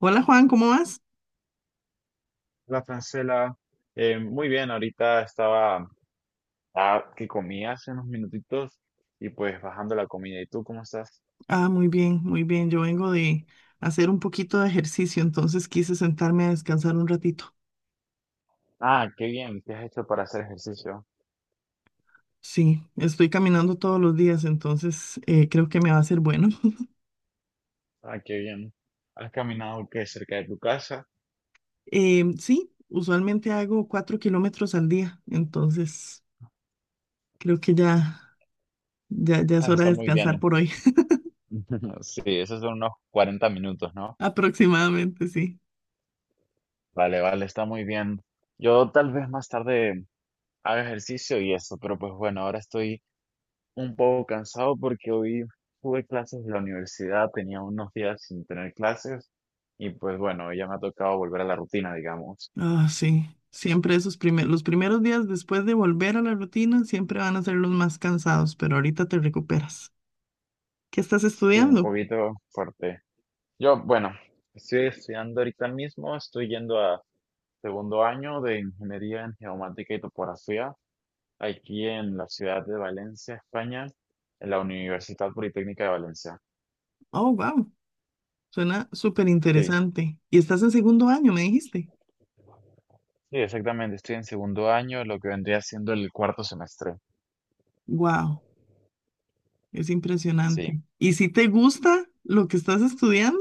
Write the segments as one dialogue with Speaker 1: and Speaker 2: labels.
Speaker 1: Hola Juan, ¿cómo vas?
Speaker 2: La Francela, muy bien, ahorita estaba que comía hace unos minutitos y pues bajando la comida. ¿Y tú cómo estás?
Speaker 1: Ah, muy bien, muy bien. Yo vengo de hacer un poquito de ejercicio, entonces quise sentarme a descansar un ratito.
Speaker 2: Ah, qué bien, ¿qué has hecho para hacer ejercicio?
Speaker 1: Sí, estoy caminando todos los días, entonces creo que me va a ser bueno.
Speaker 2: Ah, qué bien. ¿Has caminado qué cerca de tu casa?
Speaker 1: Sí, usualmente hago 4 kilómetros al día, entonces creo que ya, ya, ya es
Speaker 2: Ah,
Speaker 1: hora
Speaker 2: está
Speaker 1: de
Speaker 2: muy
Speaker 1: descansar
Speaker 2: bien.
Speaker 1: por hoy,
Speaker 2: Sí, esos son unos 40 minutos, ¿no?
Speaker 1: aproximadamente, sí.
Speaker 2: Vale, vale, está muy bien. Yo tal vez más tarde haga ejercicio y eso, pero pues bueno, ahora estoy un poco cansado porque hoy tuve clases de la universidad, tenía unos días sin tener clases y pues bueno, ya me ha tocado volver a la rutina, digamos.
Speaker 1: Ah, sí, siempre los primeros días después de volver a la rutina siempre van a ser los más cansados, pero ahorita te recuperas. ¿Qué estás
Speaker 2: Sí, un
Speaker 1: estudiando?
Speaker 2: poquito fuerte. Yo, bueno, estoy estudiando ahorita mismo, estoy yendo a segundo año de Ingeniería en Geomática y Topografía aquí en la ciudad de Valencia, España, en la Universidad Politécnica de Valencia.
Speaker 1: Oh, wow. Suena súper
Speaker 2: Sí,
Speaker 1: interesante. Y estás en segundo año, me dijiste.
Speaker 2: sí, exactamente, estoy en segundo año, lo que vendría siendo el cuarto semestre.
Speaker 1: Wow, es
Speaker 2: Sí.
Speaker 1: impresionante. ¿Y si te gusta lo que estás estudiando?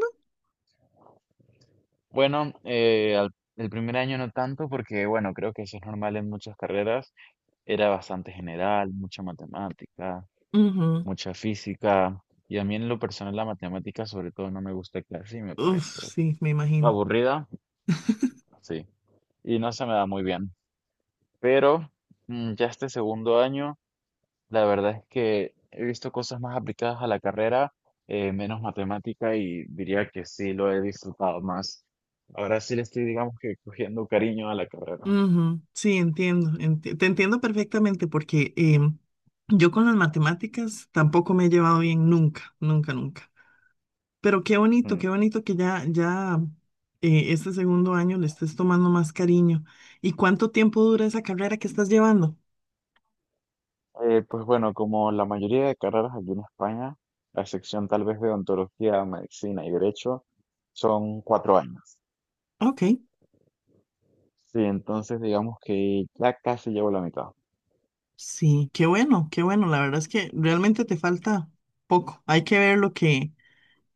Speaker 2: Bueno, el primer año no tanto porque, bueno, creo que eso es normal en muchas carreras. Era bastante general, mucha matemática,
Speaker 1: Ujú.
Speaker 2: mucha física. Y a mí en lo personal la matemática sobre todo no me gusta casi, me parece
Speaker 1: Uf, sí, me imagino.
Speaker 2: aburrida, sí. Y no se me da muy bien. Pero ya este segundo año, la verdad es que he visto cosas más aplicadas a la carrera, menos matemática y diría que sí lo he disfrutado más. Ahora sí le estoy, digamos que, cogiendo cariño a la carrera.
Speaker 1: Ujú, sí, entiendo. Te entiendo perfectamente porque yo con las matemáticas tampoco me he llevado bien nunca, nunca, nunca. Pero
Speaker 2: Mm.
Speaker 1: qué bonito que ya, ya este segundo año le estés tomando más cariño. ¿Y cuánto tiempo dura esa carrera que estás llevando?
Speaker 2: Pues bueno, como la mayoría de carreras aquí en España, la excepción tal vez de odontología, medicina y derecho, son 4 años.
Speaker 1: Ok.
Speaker 2: Sí, entonces digamos que ya casi llevo la mitad.
Speaker 1: Sí, qué bueno, qué bueno. La verdad es que realmente te falta poco. Hay que ver lo que,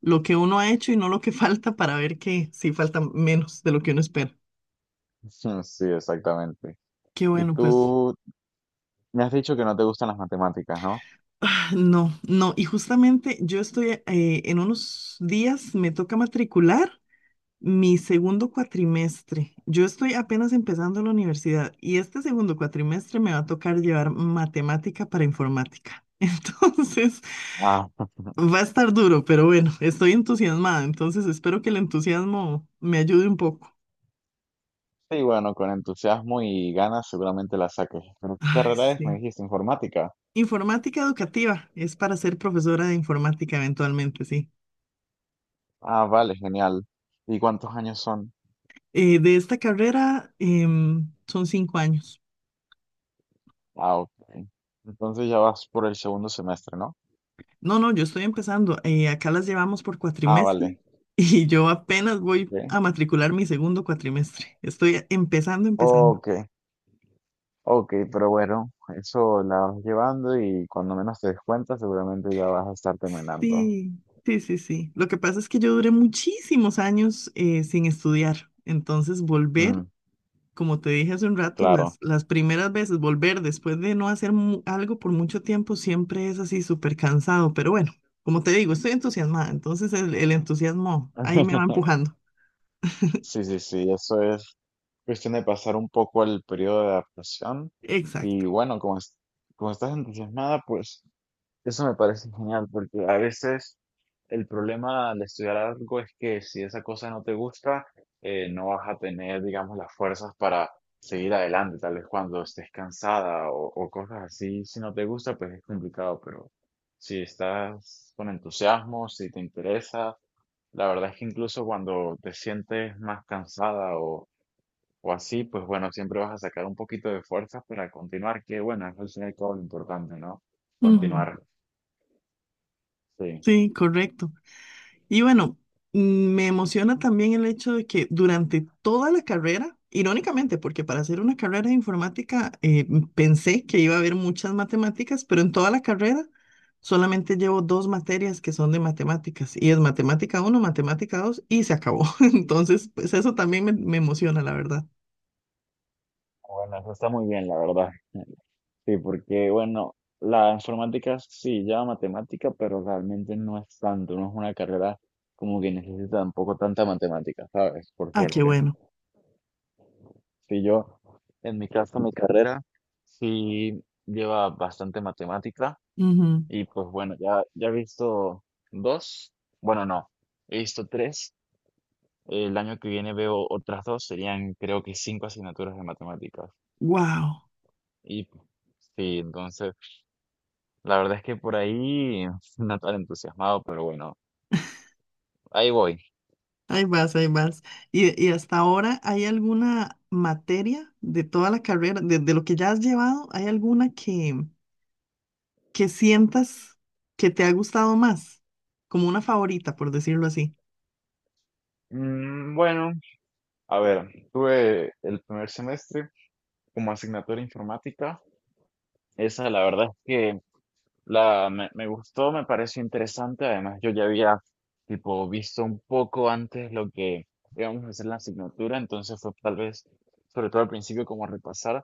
Speaker 1: lo que uno ha hecho y no lo que falta para ver que sí falta menos de lo que uno espera.
Speaker 2: Sí, exactamente.
Speaker 1: Qué
Speaker 2: Y
Speaker 1: bueno, pues.
Speaker 2: tú me has dicho que no te gustan las matemáticas, ¿no?
Speaker 1: Ah, no, no. Y justamente en unos días me toca matricular mi segundo cuatrimestre. Yo estoy apenas empezando la universidad y este segundo cuatrimestre me va a tocar llevar matemática para informática. Entonces...
Speaker 2: Ah.
Speaker 1: Va a estar duro, pero bueno, estoy entusiasmada, entonces espero que el entusiasmo me ayude un poco.
Speaker 2: Sí, bueno, con entusiasmo y ganas seguramente la saques. ¿Pero qué
Speaker 1: Ay,
Speaker 2: carrera es? Me
Speaker 1: sí.
Speaker 2: dijiste informática.
Speaker 1: Informática educativa es para ser profesora de informática eventualmente, sí.
Speaker 2: Ah, vale, genial. ¿Y cuántos años son?
Speaker 1: De esta carrera son 5 años.
Speaker 2: Ah, ok. Entonces ya vas por el segundo semestre, ¿no?
Speaker 1: No, no, yo estoy empezando. Acá las llevamos por
Speaker 2: Ah, vale.
Speaker 1: cuatrimestre y yo apenas voy
Speaker 2: Ok,
Speaker 1: a matricular mi segundo cuatrimestre. Estoy empezando, empezando.
Speaker 2: ok, ok, pero bueno, eso la vas llevando y cuando menos te des cuenta, seguramente ya vas a estar terminando.
Speaker 1: Sí, sí, sí, sí. Lo que pasa es que yo duré muchísimos años sin estudiar. Entonces, volver,
Speaker 2: Mm,
Speaker 1: como te dije hace un rato,
Speaker 2: claro.
Speaker 1: las primeras veces, volver después de no hacer algo por mucho tiempo, siempre es así súper cansado. Pero bueno, como te digo, estoy entusiasmada. Entonces, el entusiasmo ahí me va empujando.
Speaker 2: Sí, sí, sí, eso es cuestión de pasar un poco el periodo de adaptación.
Speaker 1: Exacto.
Speaker 2: Y bueno, como, como estás entusiasmada, pues eso me parece genial, porque a veces el problema al estudiar algo es que si esa cosa no te gusta, no vas a tener, digamos, las fuerzas para seguir adelante. Tal vez cuando estés cansada o cosas así, si no te gusta, pues es complicado, pero si estás con entusiasmo, si te interesa, la verdad es que incluso cuando te sientes más cansada o así, pues bueno, siempre vas a sacar un poquito de fuerzas para continuar, que bueno, es al final todo lo importante, ¿no?
Speaker 1: Ujú.
Speaker 2: Continuar. Sí.
Speaker 1: Sí, correcto. Y bueno, me emociona también el hecho de que durante toda la carrera, irónicamente, porque para hacer una carrera de informática pensé que iba a haber muchas matemáticas, pero en toda la carrera solamente llevo dos materias que son de matemáticas, y es matemática uno matemática 2 y se acabó. Entonces, pues eso también me emociona, la verdad.
Speaker 2: Bueno, eso está muy bien, la verdad. Sí, porque, bueno, la informática sí lleva matemática, pero realmente no es tanto, no es una carrera como que necesita tampoco tanta matemática, ¿sabes? Por
Speaker 1: Ah, qué
Speaker 2: suerte.
Speaker 1: bueno.
Speaker 2: Si yo, en mi caso, mi carrera sí lleva bastante matemática y pues bueno, ya he visto dos, bueno, no, he visto tres. El año que viene veo otras dos, serían creo que cinco asignaturas de matemáticas.
Speaker 1: Wow.
Speaker 2: Y sí, entonces... La verdad es que por ahí no tan entusiasmado, pero bueno, ahí voy.
Speaker 1: Ahí vas, ahí vas. Y hasta ahora, ¿hay alguna materia de toda la carrera, de lo que ya has llevado, hay alguna que sientas que te ha gustado más? Como una favorita, por decirlo así.
Speaker 2: Bueno, a ver, tuve el primer semestre como asignatura informática. Esa la verdad es que la, me gustó, me pareció interesante. Además, yo ya había tipo visto un poco antes lo que íbamos a hacer en la asignatura, entonces fue tal vez, sobre todo al principio, como repasar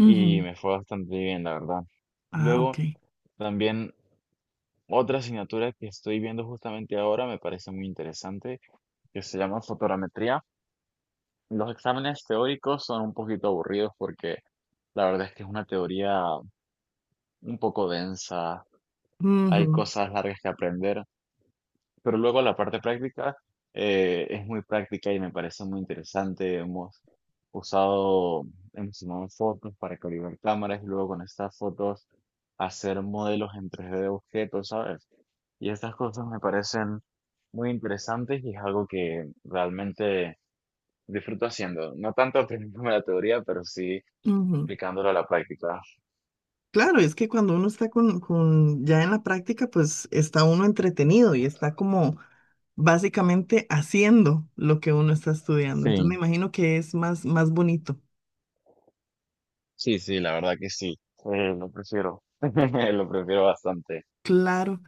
Speaker 2: y
Speaker 1: Ujú.
Speaker 2: me fue bastante bien, la verdad.
Speaker 1: Ah, ok.
Speaker 2: Luego, también otra asignatura que estoy viendo justamente ahora me parece muy interesante, que se llama fotogrametría. Los exámenes teóricos son un poquito aburridos porque la verdad es que es una teoría un poco densa, hay
Speaker 1: Ujú,
Speaker 2: cosas largas que aprender, pero luego la parte práctica es muy práctica y me parece muy interesante. Usado, hemos tomado fotos para calibrar cámaras y luego con estas fotos hacer modelos en 3D de objetos, ¿sabes? Y estas cosas me parecen muy interesantes y es algo que realmente disfruto haciendo. No tanto aprendiéndome la teoría, pero sí
Speaker 1: ujú.
Speaker 2: aplicándolo a la práctica.
Speaker 1: Claro, es que cuando uno está ya en la práctica, pues está uno entretenido y está como básicamente haciendo lo que uno está estudiando. Entonces me
Speaker 2: Sí,
Speaker 1: imagino que es más bonito.
Speaker 2: sí, sí, la verdad que sí. Lo prefiero. Lo prefiero bastante.
Speaker 1: Claro.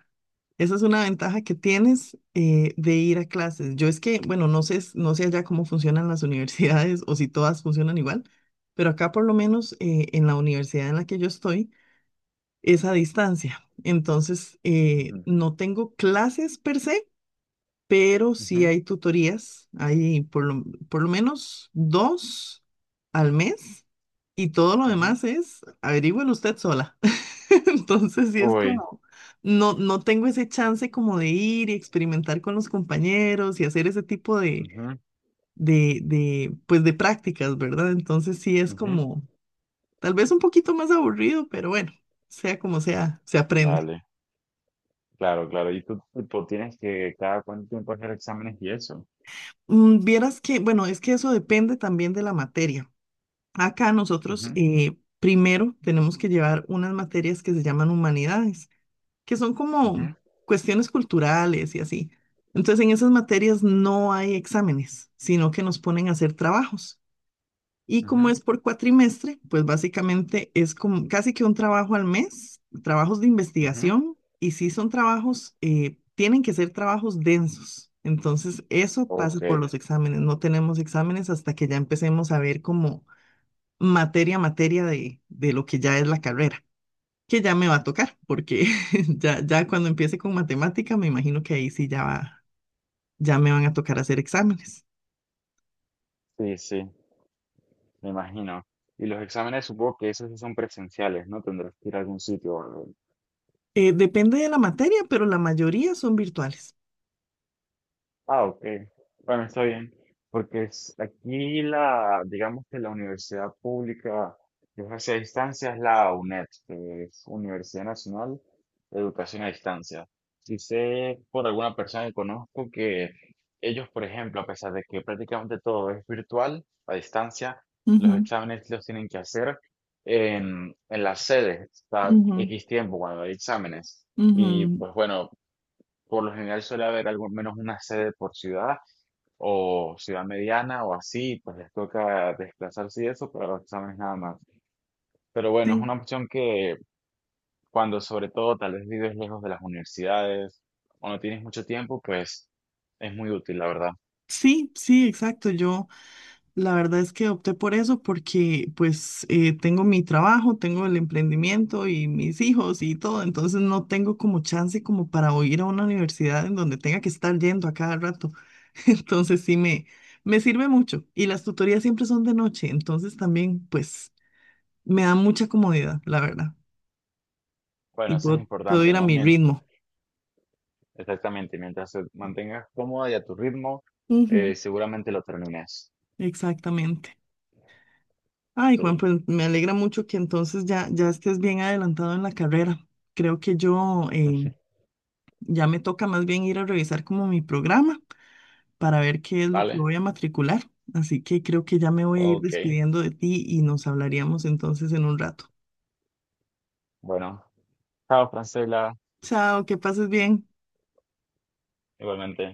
Speaker 1: Esa es una ventaja que tienes de ir a clases. Yo es que, bueno, no sé, no sé allá cómo funcionan las universidades o si todas funcionan igual, pero acá por lo menos en la universidad en la que yo estoy es a distancia. Entonces,
Speaker 2: Ujú,
Speaker 1: no tengo clases per se, pero sí
Speaker 2: ujú,
Speaker 1: hay tutorías, hay por lo menos dos al mes y todo lo
Speaker 2: ujú.
Speaker 1: demás es averígüelo usted sola. Entonces sí es
Speaker 2: Uy.
Speaker 1: como, no, no tengo ese chance como de ir y experimentar con los compañeros y hacer ese tipo
Speaker 2: Ujú,
Speaker 1: pues de prácticas, ¿verdad? Entonces sí es
Speaker 2: ujú.
Speaker 1: como, tal vez un poquito más aburrido, pero bueno, sea como sea, se aprende.
Speaker 2: Vale, claro, claro. Y tú, tipo, tienes que cada cuánto tiempo hacer exámenes y eso.
Speaker 1: Vieras que, bueno, es que eso depende también de la materia. Acá
Speaker 2: Ujú,
Speaker 1: nosotros primero tenemos que llevar unas materias que se llaman humanidades, que son como
Speaker 2: ujú,
Speaker 1: cuestiones culturales y así. Entonces en esas materias no hay exámenes, sino que nos ponen a hacer trabajos. Y
Speaker 2: ujú,
Speaker 1: como es por cuatrimestre, pues básicamente es como casi que un trabajo al mes, trabajos de
Speaker 2: ujú.
Speaker 1: investigación, y si son trabajos, tienen que ser trabajos densos. Entonces eso pasa
Speaker 2: Ok,
Speaker 1: por los exámenes. No tenemos exámenes hasta que ya empecemos a ver cómo materia a materia de lo que ya es la carrera, que ya me va a tocar, porque ya, ya cuando empiece con matemática, me imagino que ahí sí ya, ya me van a tocar hacer exámenes.
Speaker 2: sí, sí. Me imagino. Y los exámenes supongo que esos sí son presenciales, ¿no? Tendrás que ir a algún sitio o algo.
Speaker 1: Depende de la materia, pero la mayoría son virtuales.
Speaker 2: Ah, ok. Bueno, está bien. Porque aquí la, digamos que la universidad pública que ofrece a distancia es la UNED, que es Universidad Nacional de Educación a Distancia. Si sé por alguna persona que conozco que ellos, por ejemplo, a pesar de que prácticamente todo es virtual, a distancia, los
Speaker 1: Ujú,
Speaker 2: exámenes los tienen que hacer en las sedes, cada
Speaker 1: ujú,
Speaker 2: X tiempo cuando hay exámenes.
Speaker 1: ujú.
Speaker 2: Y pues bueno, por lo general suele haber al menos una sede por ciudad o ciudad mediana o así, pues les toca desplazarse y eso pero los exámenes nada más. Pero bueno, es
Speaker 1: Sí,
Speaker 2: una opción que cuando sobre todo tal vez vives lejos de las universidades o no tienes mucho tiempo, pues es muy útil, la verdad.
Speaker 1: sí, sí, exacto. Yo. La verdad es que opté por eso porque pues tengo mi trabajo, tengo el emprendimiento y mis hijos y todo, entonces no tengo como chance como para o ir a una universidad en donde tenga que estar yendo a cada rato. Entonces sí me sirve mucho y las tutorías siempre son de noche, entonces también pues me da mucha comodidad, la verdad, y
Speaker 2: Bueno, eso es
Speaker 1: puedo
Speaker 2: importante,
Speaker 1: ir a
Speaker 2: ¿no?
Speaker 1: mi ritmo.
Speaker 2: Exactamente, mientras te mantengas cómoda y a tu ritmo,
Speaker 1: Ujú.
Speaker 2: seguramente lo termines.
Speaker 1: Exactamente. Ay, Juan,
Speaker 2: Sí.
Speaker 1: pues me alegra mucho que entonces ya, ya estés bien adelantado en la carrera. Creo que yo Ya me toca más bien ir a revisar como mi programa para ver qué es lo que
Speaker 2: ¿Vale?
Speaker 1: voy a matricular. Así que creo que ya me voy a ir
Speaker 2: Ok.
Speaker 1: despidiendo de ti y nos hablaríamos entonces en un rato.
Speaker 2: Bueno, chao, Francela,
Speaker 1: Chao, que pases bien.
Speaker 2: igualmente.